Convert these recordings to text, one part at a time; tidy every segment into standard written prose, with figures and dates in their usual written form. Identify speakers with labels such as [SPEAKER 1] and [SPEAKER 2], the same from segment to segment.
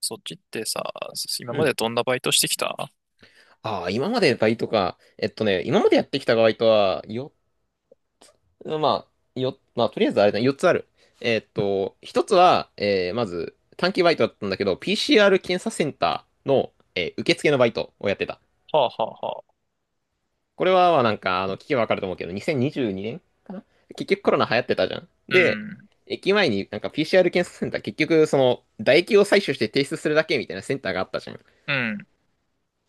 [SPEAKER 1] そっちってさ、今
[SPEAKER 2] う
[SPEAKER 1] ま
[SPEAKER 2] ん。
[SPEAKER 1] でどんなバイトしてきた？は
[SPEAKER 2] ああ、今までバイトか。えっとね、今までやってきたバイトは、よ、まあ、よ、まあ、とりあえずあれだね、4つある。えっと、1つは、まず、短期バイトだったんだけど、PCR 検査センターの、受付のバイトをやってた。
[SPEAKER 1] あはあはあ。
[SPEAKER 2] これは、まあ、聞けばわかると思うけど、2022年結局コロナ流行ってたじゃん。
[SPEAKER 1] う
[SPEAKER 2] で、
[SPEAKER 1] ん。
[SPEAKER 2] 駅前になんか PCR 検査センター、結局、その、唾液を採取して提出するだけみたいなセンターがあったじゃん。
[SPEAKER 1] うん。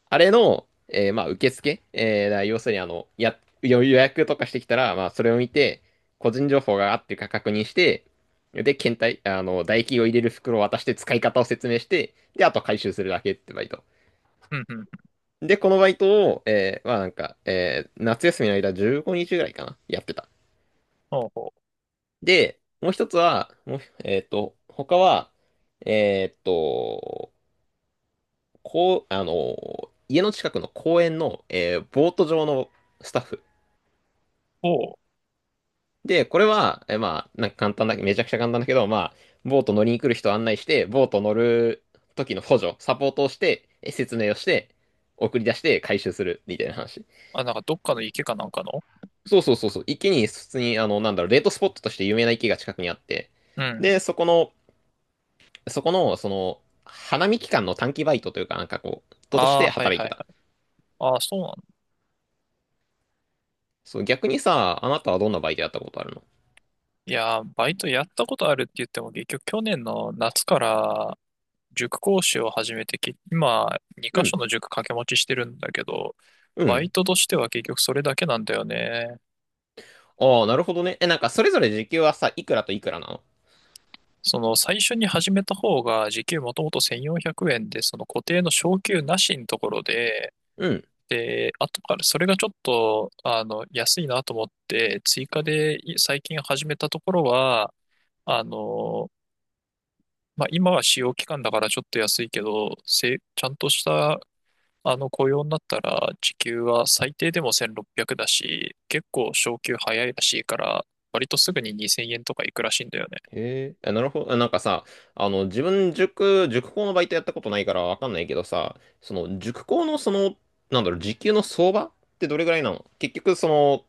[SPEAKER 2] あれの、まあ、受付、だから要するにあの、予約とかしてきたら、まあ、それを見て、個人情報があっていうか確認して、で、検体、あの、唾液を入れる袋を渡して使い方を説明して、で、あと回収するだけってバイト。
[SPEAKER 1] うん。うん。
[SPEAKER 2] で、このバイトを、まあなんか、夏休みの間15日ぐらいかな、やってた。
[SPEAKER 1] ほうほう。
[SPEAKER 2] で、もう一つは、もう、他は、えーっと、家の近くの公園の、ボート場のスタッフ。
[SPEAKER 1] ほう。
[SPEAKER 2] で、これは、まあ、なんか簡単だけど、めちゃくちゃ簡単だけど、まあ、ボート乗りに来る人を案内して、ボート乗る時の補助、サポートをして、え説明をして、送り出して回収するみたいな話。
[SPEAKER 1] あ、なんかどっかの池かなんかの。
[SPEAKER 2] そうそうそうそう。池に、普通に、あの、なんだろう、デートスポットとして有名な池が近くにあって、
[SPEAKER 1] うん。
[SPEAKER 2] で、そこの、その、花見期間の短期バイトというか、なんかこう、人とし
[SPEAKER 1] ああ、
[SPEAKER 2] て
[SPEAKER 1] はい
[SPEAKER 2] 働い
[SPEAKER 1] はいは
[SPEAKER 2] て
[SPEAKER 1] い。
[SPEAKER 2] た。
[SPEAKER 1] ああ、そうなんだ。
[SPEAKER 2] そう、逆にさ、あなたはどんなバイトやったことあるの？
[SPEAKER 1] いやー、バイトやったことあるって言っても、結局去年の夏から塾講師を始めて、今2
[SPEAKER 2] う
[SPEAKER 1] 箇所
[SPEAKER 2] ん、
[SPEAKER 1] の塾掛け持ちしてるんだけど、
[SPEAKER 2] う
[SPEAKER 1] バイ
[SPEAKER 2] ん。
[SPEAKER 1] トとしては結局それだけなんだよね。
[SPEAKER 2] ああ、なるほどね。え、なんか、それぞれ時給はさ、いくらといくらなの？
[SPEAKER 1] その最初に始めた方が時給もともと1400円で、その固定の昇給なしのところで、
[SPEAKER 2] うん。
[SPEAKER 1] で、後からそれがちょっと、安いなと思って、追加で最近始めたところは、あの、まあ、今は試用期間だからちょっと安いけど、ちゃんとした、雇用になったら、時給は最低でも1600だし、結構昇給早いらしいから、割とすぐに2000円とかいくらしいんだよね。
[SPEAKER 2] へえ、あなるほど。あなんかさ、あの、自分塾、塾講のバイトやったことないからわかんないけどさ、その、塾講のその、なんだろう、時給の相場ってどれぐらいなの？結局、その、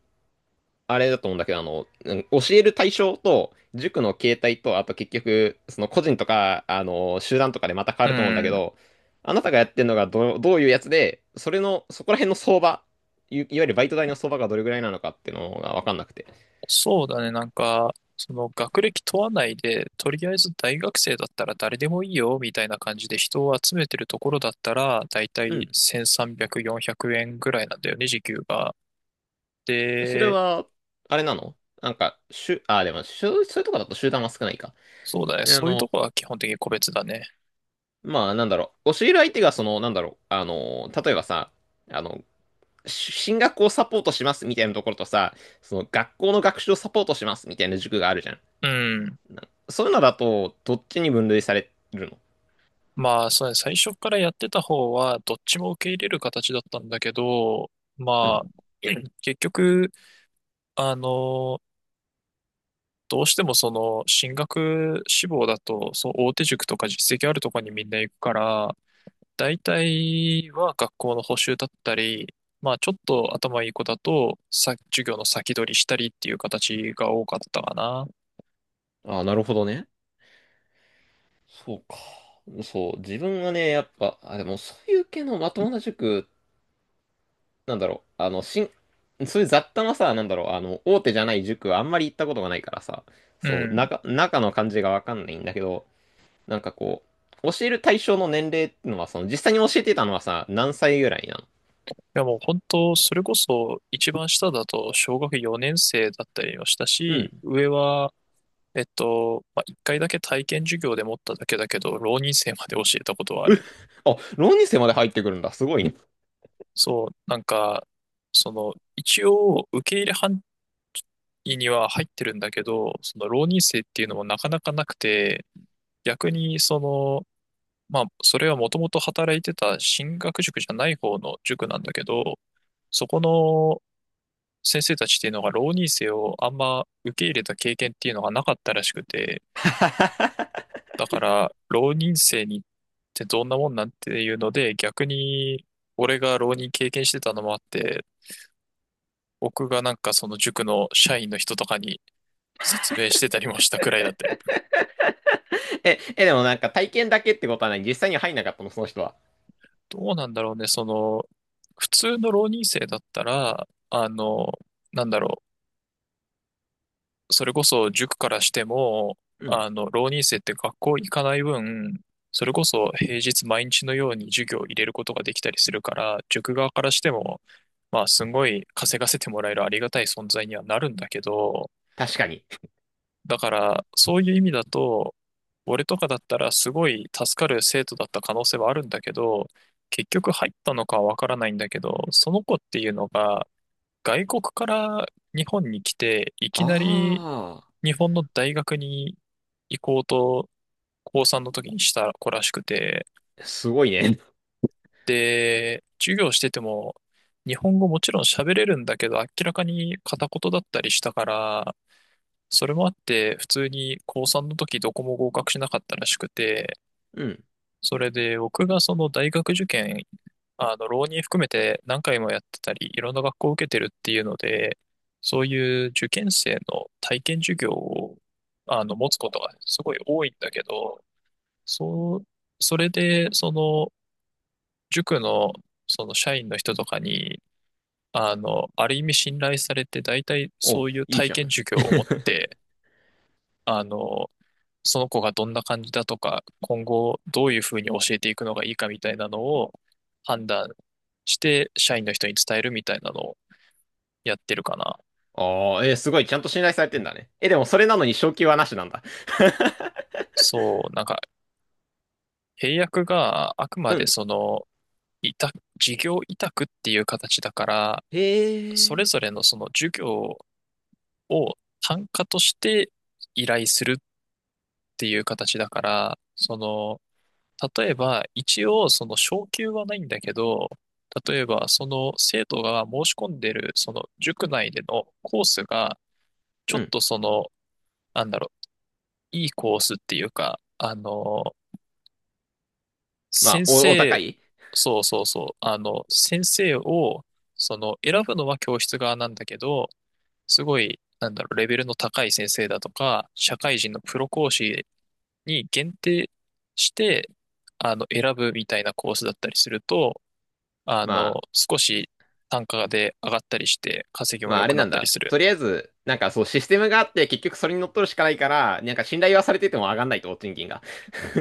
[SPEAKER 2] あれだと思うんだけど、あの、うん教える対象と、塾の形態と、あと結局、その個人とか、あの、集団とかでまた変わ
[SPEAKER 1] う
[SPEAKER 2] ると思うんだけ
[SPEAKER 1] ん。
[SPEAKER 2] ど、あなたがやってるのがどういうやつで、それの、そこら辺の相場、いわゆるバイト代の相場がどれぐらいなのかっていうのがわかんなくて。
[SPEAKER 1] そうだね、なんか、その学歴問わないで、とりあえず大学生だったら誰でもいいよ、みたいな感じで人を集めてるところだったら、だいたい1300、400円ぐらいなんだよね、時給が。
[SPEAKER 2] それ
[SPEAKER 1] で、
[SPEAKER 2] は、あれなの？なんか、しゅ、あ、でも、しゅ、そういうとこだと集団は少ないか。
[SPEAKER 1] そうだね、
[SPEAKER 2] えあ
[SPEAKER 1] そういうと
[SPEAKER 2] の、
[SPEAKER 1] こは基本的に個別だね。
[SPEAKER 2] まあ、なんだろう。教える相手が、その、なんだろう。あの、例えばさ、あの、進学をサポートしますみたいなところとさ、その、学校の学習をサポートしますみたいな塾があるじゃん。
[SPEAKER 1] うん。
[SPEAKER 2] なそういうのだと、どっちに分類されるの？
[SPEAKER 1] まあ、そうね、最初からやってた方は、どっちも受け入れる形だったんだけど、
[SPEAKER 2] う
[SPEAKER 1] まあ、
[SPEAKER 2] ん。
[SPEAKER 1] 結局、あのどうしてもその進学志望だと、そう大手塾とか実績あるとこにみんな行くから、大体は学校の補習だったり、まあちょっと頭いい子だと、さ、授業の先取りしたりっていう形が多かったかな。
[SPEAKER 2] あ、なるほどね。そうか。そう、自分はね、やっぱ、あ、でも、そういう系のまともな塾なんだろう、あの、そういう雑多なさ、なんだろう、あの、大手じゃない塾はあんまり行ったことがないからさ、
[SPEAKER 1] う
[SPEAKER 2] そう、
[SPEAKER 1] ん。い
[SPEAKER 2] 中の感じがわかんないんだけど、なんかこう、教える対象の年齢ってのは、その、実際に教えてたのはさ、何歳ぐらいなの？
[SPEAKER 1] やもう本当、それこそ一番下だと小学4年生だったりをした
[SPEAKER 2] う
[SPEAKER 1] し、
[SPEAKER 2] ん。
[SPEAKER 1] 上は、まあ、1回だけ体験授業で持っただけだけど、浪人生まで教えたことはある。
[SPEAKER 2] あ、浪人生まで入ってくるんだ。すごいね。
[SPEAKER 1] そう、なんか、その、一応、受け入れ範囲には入ってるんだけど、その浪人生っていうのもなかなかなくて、逆に、その、まあ、それはもともと働いてた進学塾じゃない方の塾なんだけど、そこの先生たちっていうのが浪人生をあんま受け入れた経験っていうのがなかったらしくて、だから、浪人生にってどんなもんなんっていうので、逆に、俺が浪人経験してたのもあって、僕がなんかその塾の社員の人とかに説明してたりもしたくらいだって。
[SPEAKER 2] え、え、でもなんか体験だけってことはない。実際には入んなかったの、その人は。
[SPEAKER 1] どうなんだろうね、その、普通の浪人生だったら、なんだろう、それこそ塾からしても、
[SPEAKER 2] うん。
[SPEAKER 1] 浪人生って学校行かない分、それこそ平日毎日のように授業を入れることができたりするから、塾側からしても、まあ、すごい稼がせてもらえるありがたい存在にはなるんだけど、
[SPEAKER 2] 確かに。
[SPEAKER 1] だから、そういう意味だと、俺とかだったらすごい助かる生徒だった可能性はあるんだけど、結局入ったのかはわからないんだけど、その子っていうのが外国から日本に来て、いき
[SPEAKER 2] あ
[SPEAKER 1] なり日本の大学に行こうと高3の時にした子らしくて、
[SPEAKER 2] あ、すごいね。
[SPEAKER 1] で、授業してても日本語もちろん喋れるんだけど、明らかに片言だったりしたから、それもあって、普通に高3の時どこも合格しなかったらしくて、
[SPEAKER 2] うん。
[SPEAKER 1] それで僕がその大学受験、浪人含めて何回もやってたり、いろんな学校を受けてるっていうので、そういう受験生の体験授業を、持つことがねすごい多いんだけど、そう、それで、その、塾の、その社員の人とかに、ある意味信頼されて、大体そ
[SPEAKER 2] お、
[SPEAKER 1] ういう
[SPEAKER 2] いい
[SPEAKER 1] 体
[SPEAKER 2] じゃ
[SPEAKER 1] 験
[SPEAKER 2] ん。
[SPEAKER 1] 授業を持っ て、あの、その子がどんな感じだとか、今後どういうふうに教えていくのがいいかみたいなのを判断して社員の人に伝えるみたいなのをやってるかな。
[SPEAKER 2] ああ、えーすごい、ちゃんと信頼されてんだね。え、でもそれなのに昇給はなしなんだ。
[SPEAKER 1] そう、なんか契約があくま
[SPEAKER 2] う
[SPEAKER 1] で
[SPEAKER 2] ん。
[SPEAKER 1] その、委託、事業委託っていう形だから、
[SPEAKER 2] へ
[SPEAKER 1] それぞ
[SPEAKER 2] え。
[SPEAKER 1] れのその授業を単価として依頼するっていう形だから、その、例えば、一応、その昇給はないんだけど、例えば、その生徒が申し込んでる、その塾内でのコースが、ちょ
[SPEAKER 2] う
[SPEAKER 1] っ
[SPEAKER 2] ん。
[SPEAKER 1] とその、なんだろう、いいコースっていうか、
[SPEAKER 2] まあ、
[SPEAKER 1] 先
[SPEAKER 2] お高
[SPEAKER 1] 生、
[SPEAKER 2] い
[SPEAKER 1] そうそうそう、先生を、その、選ぶのは教室側なんだけど、すごい、なんだろう、レベルの高い先生だとか、社会人のプロ講師に限定して、選ぶみたいなコースだったりすると、
[SPEAKER 2] まあ、
[SPEAKER 1] 少し単価で上がったりして、稼ぎも
[SPEAKER 2] まあ、
[SPEAKER 1] 良
[SPEAKER 2] あれ
[SPEAKER 1] くな
[SPEAKER 2] な
[SPEAKER 1] っ
[SPEAKER 2] ん
[SPEAKER 1] たり
[SPEAKER 2] だ。
[SPEAKER 1] する。
[SPEAKER 2] とりあえず、なんかそう、システムがあって、結局それに乗っ取るしかないから、なんか信頼はされてても上がんないと、賃金が。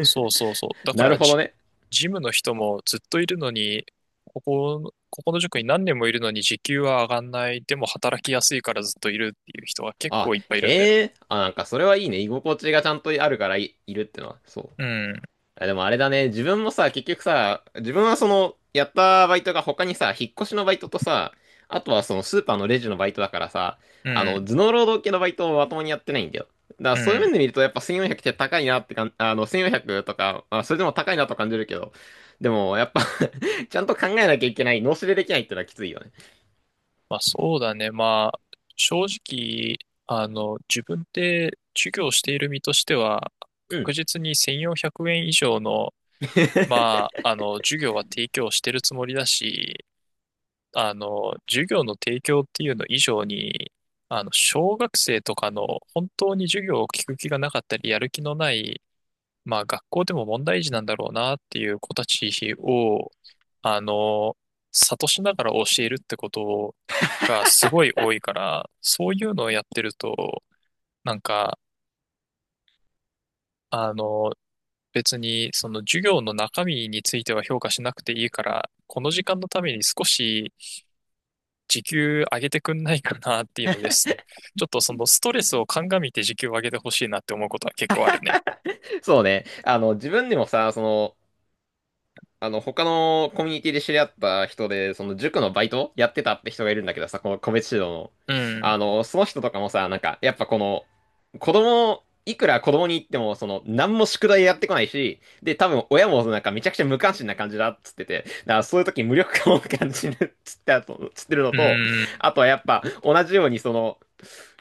[SPEAKER 1] そうそうそう。だか
[SPEAKER 2] なる
[SPEAKER 1] ら
[SPEAKER 2] ほどね。
[SPEAKER 1] ジムの人もずっといるのに、ここの塾に何年もいるのに時給は上がんない。でも働きやすいからずっといるっていう人が結
[SPEAKER 2] あ、
[SPEAKER 1] 構いっぱいいるんだよ。
[SPEAKER 2] へえ。あ、なんかそれはいいね。居心地がちゃんとあるからいるってのは。そう。
[SPEAKER 1] うん、
[SPEAKER 2] あでもあれだね、自分もさ、結局さ、自分はその、やったバイトが他にさ、引っ越しのバイトとさ、あとはそのスーパーのレジのバイトだからさ、
[SPEAKER 1] う
[SPEAKER 2] あ
[SPEAKER 1] ん、
[SPEAKER 2] の、頭脳労働系のバイトをまともにやってないんだよ。だから
[SPEAKER 1] う
[SPEAKER 2] そういう
[SPEAKER 1] ん。
[SPEAKER 2] 面で見るとやっぱ1400って高いなってかん、あの、1400とか、まあ、それでも高いなと感じるけど、でもやっぱ ちゃんと考えなきゃいけない、脳死でできないってのはきついよね。
[SPEAKER 1] まあそうだね。まあ、正直、自分で授業している身としては、
[SPEAKER 2] う
[SPEAKER 1] 確
[SPEAKER 2] ん。
[SPEAKER 1] 実に1400円以上の、ま あ、授業は提供してるつもりだし、授業の提供っていうの以上に、小学生とかの本当に授業を聞く気がなかったり、やる気のない、まあ、学校でも問題児なんだろうなっていう子たちを、あの、諭しながら教えるってことがすごい多いから、そういうのをやってると、なんか、あの、別にその授業の中身については評価しなくていいから、この時間のために少し時給上げてくんないかなっていうのです。ちょっとそのストレスを鑑みて時給を上げてほしいなって思うことは結構あるね。
[SPEAKER 2] そうね。あの、自分でもさ、その、あの、他のコミュニティで知り合った人で、その塾のバイトやってたって人がいるんだけどさ、この個別指導の。
[SPEAKER 1] うん。
[SPEAKER 2] あの、その人とかもさ、なんか、やっぱこの、子供、いくら子供に言っても、その、何も宿題やってこないし、で、多分親もなんかめちゃくちゃ無関心な感じだっつってて、だからそういう時無力感を感じるっつってあと、つってるの
[SPEAKER 1] う
[SPEAKER 2] と、
[SPEAKER 1] ん。
[SPEAKER 2] あとはやっぱ同じようにその、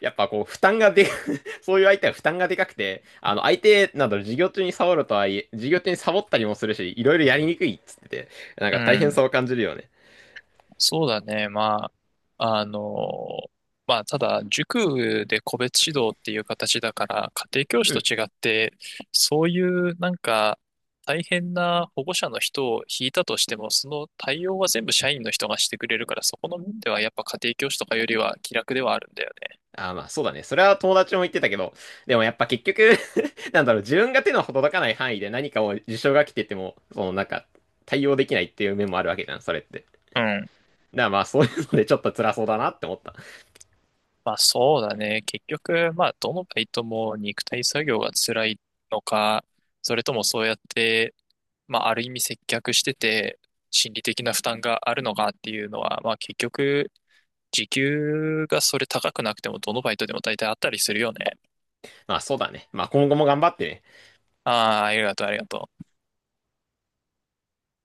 [SPEAKER 2] やっぱこう、負担がでそういう相手は負担がでかくて、あの、相手など授業中にサボるとはいえ、授業中にサボったりもするし、いろいろやりにくいっつってて、なん
[SPEAKER 1] う
[SPEAKER 2] か大変
[SPEAKER 1] ん。
[SPEAKER 2] さを感じるよね。
[SPEAKER 1] そうだね。まあ、まあ、ただ、塾で個別指導っていう形だから、家庭教師
[SPEAKER 2] う
[SPEAKER 1] と
[SPEAKER 2] ん。
[SPEAKER 1] 違って、そういうなんか、大変な保護者の人を引いたとしても、その対応は全部社員の人がしてくれるから、そこの面ではやっぱ家庭教師とかよりは気楽ではあるんだよね。
[SPEAKER 2] あーまあそうだね。それは友達も言ってたけど、でもやっぱ結局 なんだろう、自分が手の届かない範囲で何かを事象が来てても、そのなんか対応できないっていう面もあるわけじゃん、それって。だか
[SPEAKER 1] うん。
[SPEAKER 2] らまあそういうのでちょっと辛そうだなって思った。
[SPEAKER 1] まあそうだね。結局、まあどのバイトも肉体作業が辛いのか、それともそうやって、まあ、ある意味接客してて、心理的な負担があるのかっていうのは、まあ、結局、時給がそれ高くなくても、どのバイトでも大体あったりするよね。
[SPEAKER 2] まあそうだね。まあ今後も頑張ってね。
[SPEAKER 1] ああ、ありがとう、ありがとう。